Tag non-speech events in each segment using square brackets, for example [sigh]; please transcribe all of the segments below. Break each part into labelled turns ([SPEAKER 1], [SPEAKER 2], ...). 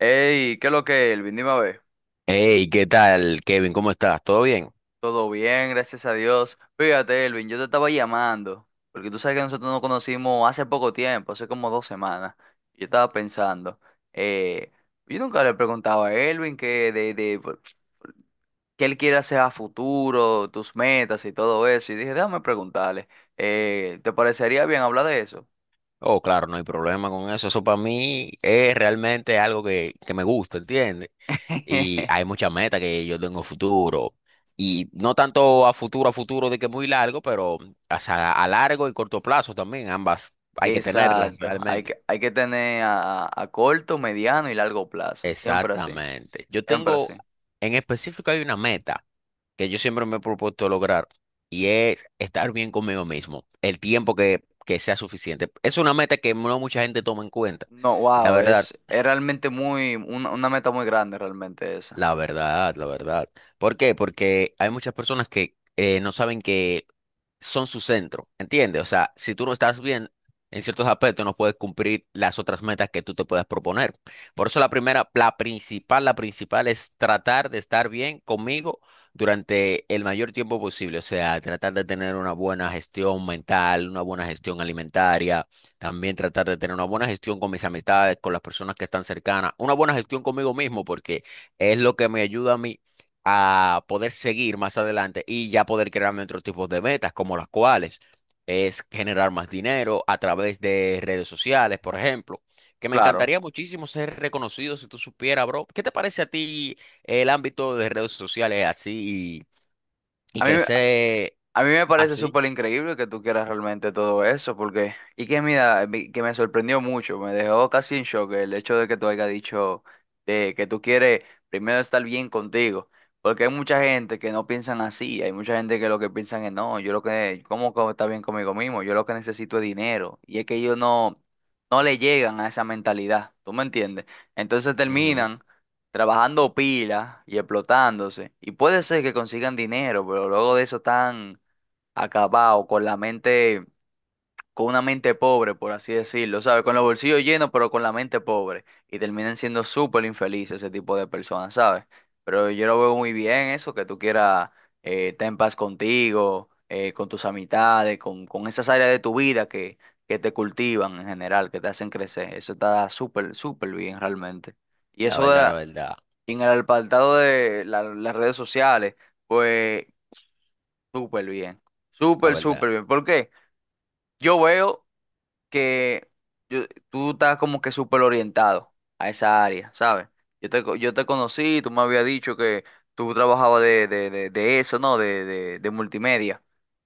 [SPEAKER 1] Hey, ¿qué es lo que, Elvin? Dime a ver.
[SPEAKER 2] Hey, ¿qué tal, Kevin? ¿Cómo estás? ¿Todo bien?
[SPEAKER 1] Todo bien, gracias a Dios. Fíjate, Elvin, yo te estaba llamando, porque tú sabes que nosotros nos conocimos hace poco tiempo, hace como 2 semanas. Yo estaba pensando, eh, yo nunca le preguntaba a Elvin que de por- qué él quiere hacer a futuro, tus metas y todo eso. Y dije, déjame preguntarle, ¿te parecería bien hablar de eso?
[SPEAKER 2] Oh, claro, no hay problema con eso. Eso para mí es realmente algo que me gusta, ¿entiendes? Y hay
[SPEAKER 1] [laughs]
[SPEAKER 2] muchas metas que yo tengo futuro. Y no tanto a futuro de que muy largo, pero o sea, a largo y corto plazo también. Ambas hay que tenerlas
[SPEAKER 1] Exacto, hay
[SPEAKER 2] realmente.
[SPEAKER 1] que, hay que tener a corto, mediano y largo plazo, siempre así,
[SPEAKER 2] Exactamente.
[SPEAKER 1] siempre así.
[SPEAKER 2] En específico hay una meta que yo siempre me he propuesto lograr y es estar bien conmigo mismo, el tiempo que sea suficiente. Es una meta que no mucha gente toma en cuenta,
[SPEAKER 1] No,
[SPEAKER 2] la
[SPEAKER 1] wow,
[SPEAKER 2] verdad.
[SPEAKER 1] es realmente muy, una meta muy grande realmente esa.
[SPEAKER 2] La verdad, la verdad. ¿Por qué? Porque hay muchas personas que no saben que son su centro, ¿entiendes? O sea, si tú no estás bien en ciertos aspectos, no puedes cumplir las otras metas que tú te puedas proponer. Por eso la primera, la principal es tratar de estar bien conmigo durante el mayor tiempo posible. O sea, tratar de tener una buena gestión mental, una buena gestión alimentaria, también tratar de tener una buena gestión con mis amistades, con las personas que están cercanas, una buena gestión conmigo mismo, porque es lo que me ayuda a mí a poder seguir más adelante y ya poder crearme otros tipos de metas, como las cuales es generar más dinero a través de redes sociales, por ejemplo, que me
[SPEAKER 1] Claro.
[SPEAKER 2] encantaría muchísimo ser reconocido si tú supieras, bro. ¿Qué te parece a ti el ámbito de redes sociales así y
[SPEAKER 1] A mí,
[SPEAKER 2] crecer
[SPEAKER 1] A mí me parece
[SPEAKER 2] así?
[SPEAKER 1] súper increíble que tú quieras realmente todo eso, porque, y que mira, mi- que me sorprendió mucho, me dejó casi en shock el hecho de que tú hayas dicho de que tú quieres primero estar bien contigo, porque hay mucha gente que no piensan así, hay mucha gente que lo que piensan es, no, yo lo que, ¿cómo co- está bien conmigo mismo? Yo lo que necesito es dinero, y es que ellos no, no le llegan a esa mentalidad, ¿tú me entiendes? Entonces
[SPEAKER 2] Ujú.
[SPEAKER 1] terminan trabajando pila y explotándose, y puede ser que consigan dinero, pero luego de eso están acabado, con la mente, con una mente pobre, por así decirlo, ¿sabes? Con los bolsillos llenos, pero con la mente pobre. Y terminan siendo súper infelices ese tipo de personas, ¿sabes? Pero yo lo veo muy bien eso, que tú quieras estar en paz contigo, con tus amistades, con esas áreas de tu vida que te cultivan en general, que te hacen crecer. Eso está súper, súper bien realmente. Y
[SPEAKER 2] La
[SPEAKER 1] eso de
[SPEAKER 2] verdad, la
[SPEAKER 1] la-
[SPEAKER 2] verdad,
[SPEAKER 1] en el apartado de las redes sociales, pues súper bien.
[SPEAKER 2] la
[SPEAKER 1] Súper,
[SPEAKER 2] verdad.
[SPEAKER 1] súper bien. ¿Por qué? Yo veo que yo- tú estás como que súper orientado a esa área, ¿sabes? Yo te conocí, tú me habías dicho que tú trabajabas de eso, ¿no? De multimedia.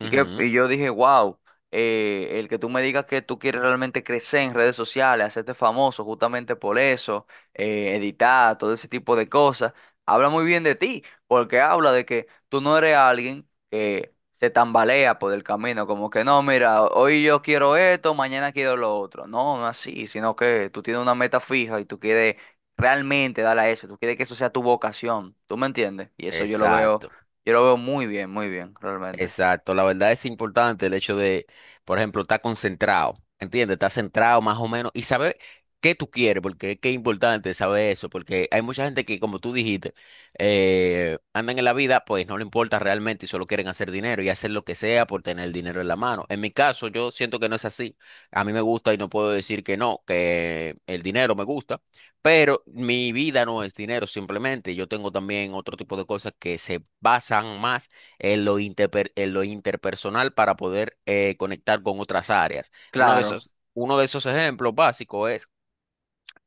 [SPEAKER 1] Y, que,
[SPEAKER 2] Ujú.
[SPEAKER 1] y yo dije, wow, el que tú me digas que tú quieres realmente crecer en redes sociales, hacerte famoso justamente por eso, editar, todo ese tipo de cosas, habla muy bien de ti, porque habla de que tú no eres alguien que se tambalea por el camino, como que no, mira, hoy yo quiero esto, mañana quiero lo otro. No, no así, sino que tú tienes una meta fija y tú quieres realmente darle a eso, tú quieres que eso sea tu vocación, ¿tú me entiendes? Y eso
[SPEAKER 2] Exacto.
[SPEAKER 1] yo lo veo muy bien, realmente.
[SPEAKER 2] Exacto, la verdad es importante el hecho de, por ejemplo, estar concentrado, ¿entiendes? Estar centrado más o menos y saber qué tú quieres, porque es que es importante saber eso, porque hay mucha gente que, como tú dijiste, andan en la vida, pues no le importa realmente y solo quieren hacer dinero y hacer lo que sea por tener el dinero en la mano. En mi caso, yo siento que no es así. A mí me gusta y no puedo decir que no, que el dinero me gusta, pero mi vida no es dinero simplemente. Yo tengo también otro tipo de cosas que se basan más en lo, en lo interpersonal para poder conectar con otras áreas.
[SPEAKER 1] Claro,
[SPEAKER 2] Uno de esos ejemplos básicos es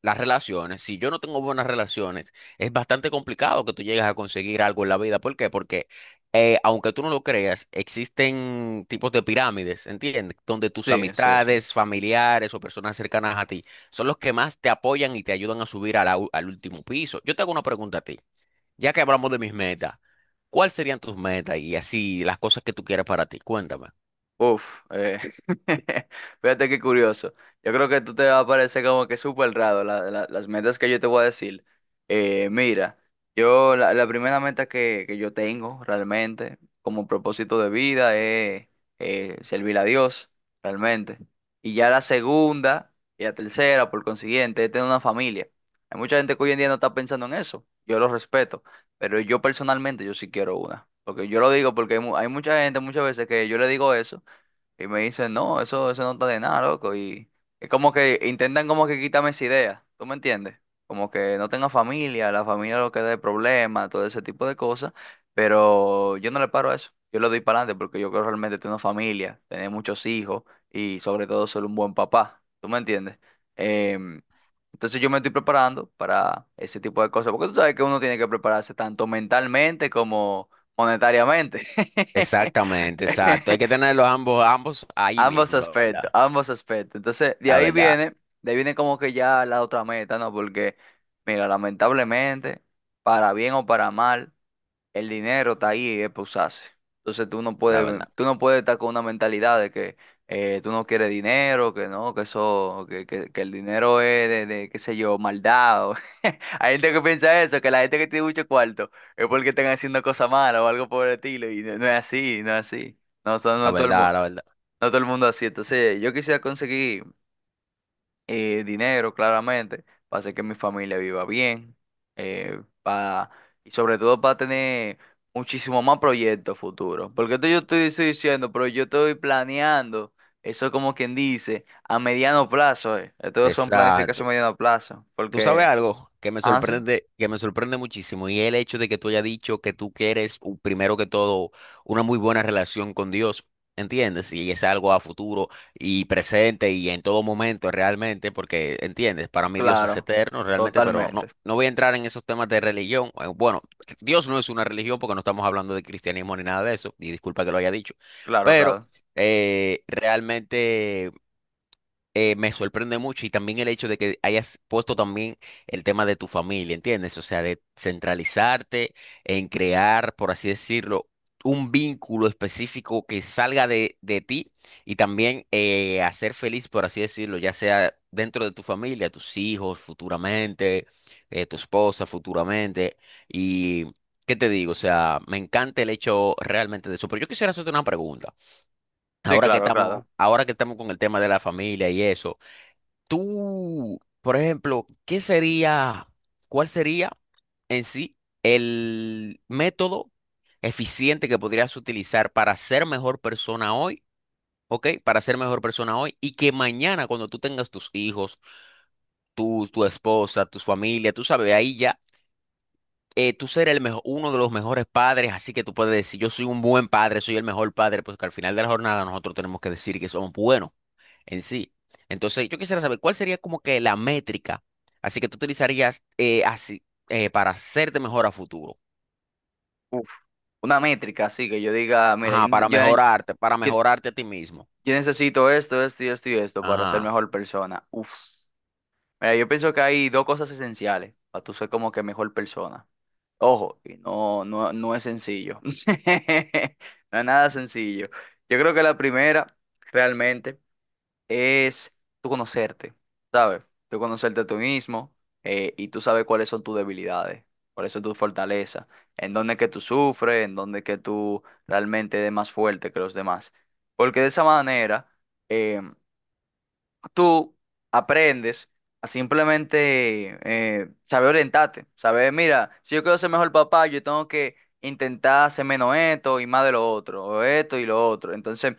[SPEAKER 2] las relaciones. Si yo no tengo buenas relaciones, es bastante complicado que tú llegues a conseguir algo en la vida. ¿Por qué? Porque aunque tú no lo creas, existen tipos de pirámides, ¿entiendes? Donde tus
[SPEAKER 1] sí, sí, sí.
[SPEAKER 2] amistades, familiares o personas cercanas a ti son los que más te apoyan y te ayudan a subir a la al último piso. Yo te hago una pregunta a ti. Ya que hablamos de mis metas, ¿cuáles serían tus metas y así las cosas que tú quieres para ti? Cuéntame.
[SPEAKER 1] Uf, [laughs] fíjate qué curioso. Yo creo que tú te va a parecer como que súper raro las metas que yo te voy a decir. Mira, yo la primera meta que yo tengo realmente como propósito de vida es servir a Dios, realmente. Y ya la segunda y la tercera, por consiguiente, es tener una familia. Hay mucha gente que hoy en día no está pensando en eso. Yo lo respeto, pero yo personalmente yo sí quiero una. Porque yo lo digo porque hay mucha gente muchas veces que yo le digo eso. Y me dicen, no, eso no está de nada, loco. Y es como que intentan como que quitarme esa idea, ¿tú me entiendes? Como que no tenga familia, la familia lo que dé problemas, todo ese tipo de cosas. Pero yo no le paro a eso. Yo le doy para adelante porque yo creo realmente tener una familia, tener muchos hijos y sobre todo ser un buen papá, ¿tú me entiendes? Em, entonces yo me estoy preparando para ese tipo de cosas, porque tú sabes que uno tiene que prepararse tanto mentalmente como monetariamente.
[SPEAKER 2] Exactamente, exacto. Hay que
[SPEAKER 1] [laughs]
[SPEAKER 2] tenerlos ambos, ambos ahí
[SPEAKER 1] Ambos
[SPEAKER 2] mismo, la verdad.
[SPEAKER 1] aspectos, ambos aspectos. Entonces, de
[SPEAKER 2] La
[SPEAKER 1] ahí
[SPEAKER 2] verdad,
[SPEAKER 1] viene, de ahí viene como que ya la otra meta, ¿no? Porque, mira, lamentablemente, para bien o para mal, el dinero está ahí y es pa' usarse. Entonces, tú no
[SPEAKER 2] la
[SPEAKER 1] puedes,
[SPEAKER 2] verdad,
[SPEAKER 1] tú no puedes estar con una mentalidad de que tú no quieres dinero, que no, que eso, que el dinero es de, qué sé yo, maldad. O- [laughs] Hay gente que piensa eso, que la gente que tiene mucho cuarto es porque están haciendo cosas malas o algo por el estilo, y no, no es así, no es así. No, son-
[SPEAKER 2] la
[SPEAKER 1] no todo el mu-
[SPEAKER 2] verdad, la verdad, la verdad.
[SPEAKER 1] no todo el mundo así. Entonces, yo quisiera conseguir dinero, claramente, para hacer que mi familia viva bien, eh, pa- y sobre todo para tener muchísimo más proyectos futuros. Porque esto yo estoy diciendo, pero yo estoy planeando, eso es como quien dice, a mediano plazo. Estos son
[SPEAKER 2] Exacto.
[SPEAKER 1] planificación a mediano plazo.
[SPEAKER 2] Tú
[SPEAKER 1] Porque,
[SPEAKER 2] sabes algo
[SPEAKER 1] ah, sí,
[SPEAKER 2] que me sorprende muchísimo, y es el hecho de que tú hayas dicho que tú quieres, primero que todo, una muy buena relación con Dios, ¿entiendes? Y es algo a futuro y presente y en todo momento realmente, porque, ¿entiendes? Para mí Dios es
[SPEAKER 1] claro,
[SPEAKER 2] eterno realmente, pero
[SPEAKER 1] totalmente.
[SPEAKER 2] no, no voy a entrar en esos temas de religión. Bueno, Dios no es una religión porque no estamos hablando de cristianismo ni nada de eso, y disculpa que lo haya dicho,
[SPEAKER 1] Claro,
[SPEAKER 2] pero
[SPEAKER 1] claro.
[SPEAKER 2] realmente me sorprende mucho y también el hecho de que hayas puesto también el tema de tu familia, ¿entiendes? O sea, de centralizarte en crear, por así decirlo, un vínculo específico que salga de ti y también hacer feliz, por así decirlo, ya sea dentro de tu familia, tus hijos futuramente, tu esposa futuramente. Y, ¿qué te digo? O sea, me encanta el hecho realmente de eso. Pero yo quisiera hacerte una pregunta.
[SPEAKER 1] Sí, claro, claro.
[SPEAKER 2] Ahora que estamos con el tema de la familia y eso. Tú, por ejemplo, ¿qué sería, cuál sería en sí el método eficiente que podrías utilizar para ser mejor persona hoy, ¿ok? Para ser mejor persona hoy y que mañana cuando tú tengas tus hijos, tú, tu esposa, tu familia, tú sabes, ahí ya, tú ser el mejor, uno de los mejores padres, así que tú puedes decir, yo soy un buen padre, soy el mejor padre, pues que al final de la jornada nosotros tenemos que decir que somos buenos en sí. Entonces, yo quisiera saber cuál sería como que la métrica, así que tú utilizarías así para hacerte mejor a futuro.
[SPEAKER 1] Uf, una métrica así que yo diga, mira,
[SPEAKER 2] Ajá, para
[SPEAKER 1] yo-
[SPEAKER 2] mejorarte a ti mismo.
[SPEAKER 1] Yo necesito esto, esto y esto y esto para ser
[SPEAKER 2] Ajá,
[SPEAKER 1] mejor persona. Uf. Mira, yo pienso que hay dos cosas esenciales para tú ser como que mejor persona. Ojo, y no, no, no es sencillo. [laughs] No es nada sencillo. Yo creo que la primera realmente es tú conocerte, ¿sabes? Tú conocerte tú mismo y tú sabes cuáles son tus debilidades, cuáles son tus fortalezas, en dónde es que tú sufres, en dónde es que tú realmente eres más fuerte que los demás. Porque de esa manera em, tú aprendes a simplemente saber orientarte, saber, mira, si yo quiero ser mejor papá, yo tengo que intentar hacer menos esto y más de lo otro, o esto y lo otro. Entonces,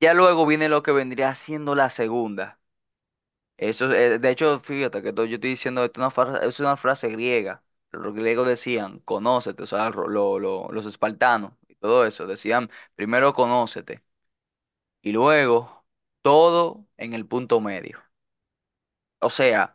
[SPEAKER 1] ya luego viene lo que vendría siendo la segunda. Eso, de hecho, fíjate que to- yo estoy diciendo esto es una fra- es una frase griega. Los griegos decían, conócete, o sea, los espartanos y todo eso, decían, primero conócete y luego todo en el punto medio. O sea,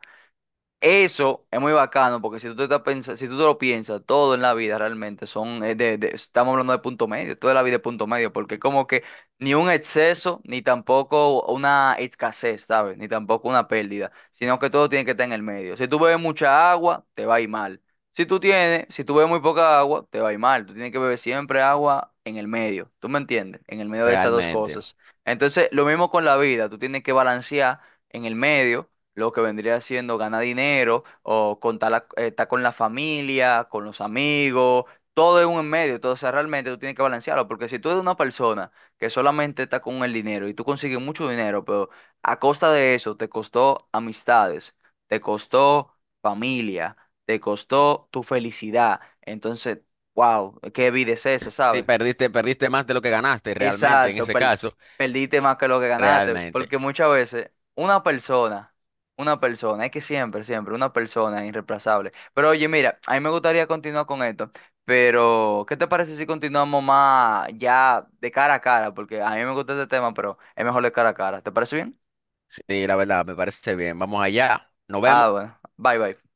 [SPEAKER 1] eso es muy bacano porque si tú te estás si tú te lo piensas, todo en la vida realmente son estamos hablando de punto medio, toda la vida es punto medio, porque como que ni un exceso, ni tampoco una escasez, ¿sabes? Ni tampoco una pérdida, sino que todo tiene que estar en el medio. Si tú bebes mucha agua, te va a ir mal. Si tú bebes muy poca agua, te va a ir mal. Tú tienes que beber siempre agua en el medio. ¿Tú me entiendes? En el medio de esas dos
[SPEAKER 2] realmente.
[SPEAKER 1] cosas. Entonces, lo mismo con la vida, tú tienes que balancear en el medio lo que vendría siendo ganar dinero o estar con la familia, con los amigos, todo es un en medio. Entonces realmente tú tienes que balancearlo, porque si tú eres una persona que solamente está con el dinero y tú consigues mucho dinero, pero a costa de eso te costó amistades, te costó familia, te costó tu felicidad, entonces, wow, qué vida es esa,
[SPEAKER 2] Sí,
[SPEAKER 1] ¿sabes?
[SPEAKER 2] perdiste más de lo que ganaste, realmente, en
[SPEAKER 1] Exacto,
[SPEAKER 2] ese
[SPEAKER 1] per-
[SPEAKER 2] caso,
[SPEAKER 1] perdiste más que lo que ganaste,
[SPEAKER 2] realmente.
[SPEAKER 1] porque muchas veces una persona, es que siempre, siempre, una persona es irreemplazable. Pero oye, mira, a mí me gustaría continuar con esto, pero ¿qué te parece si continuamos más ya de cara a cara? Porque a mí me gusta este tema, pero es mejor de cara a cara. ¿Te parece bien?
[SPEAKER 2] Sí, la verdad, me parece bien. Vamos allá. Nos vemos.
[SPEAKER 1] Ah, bueno, bye bye.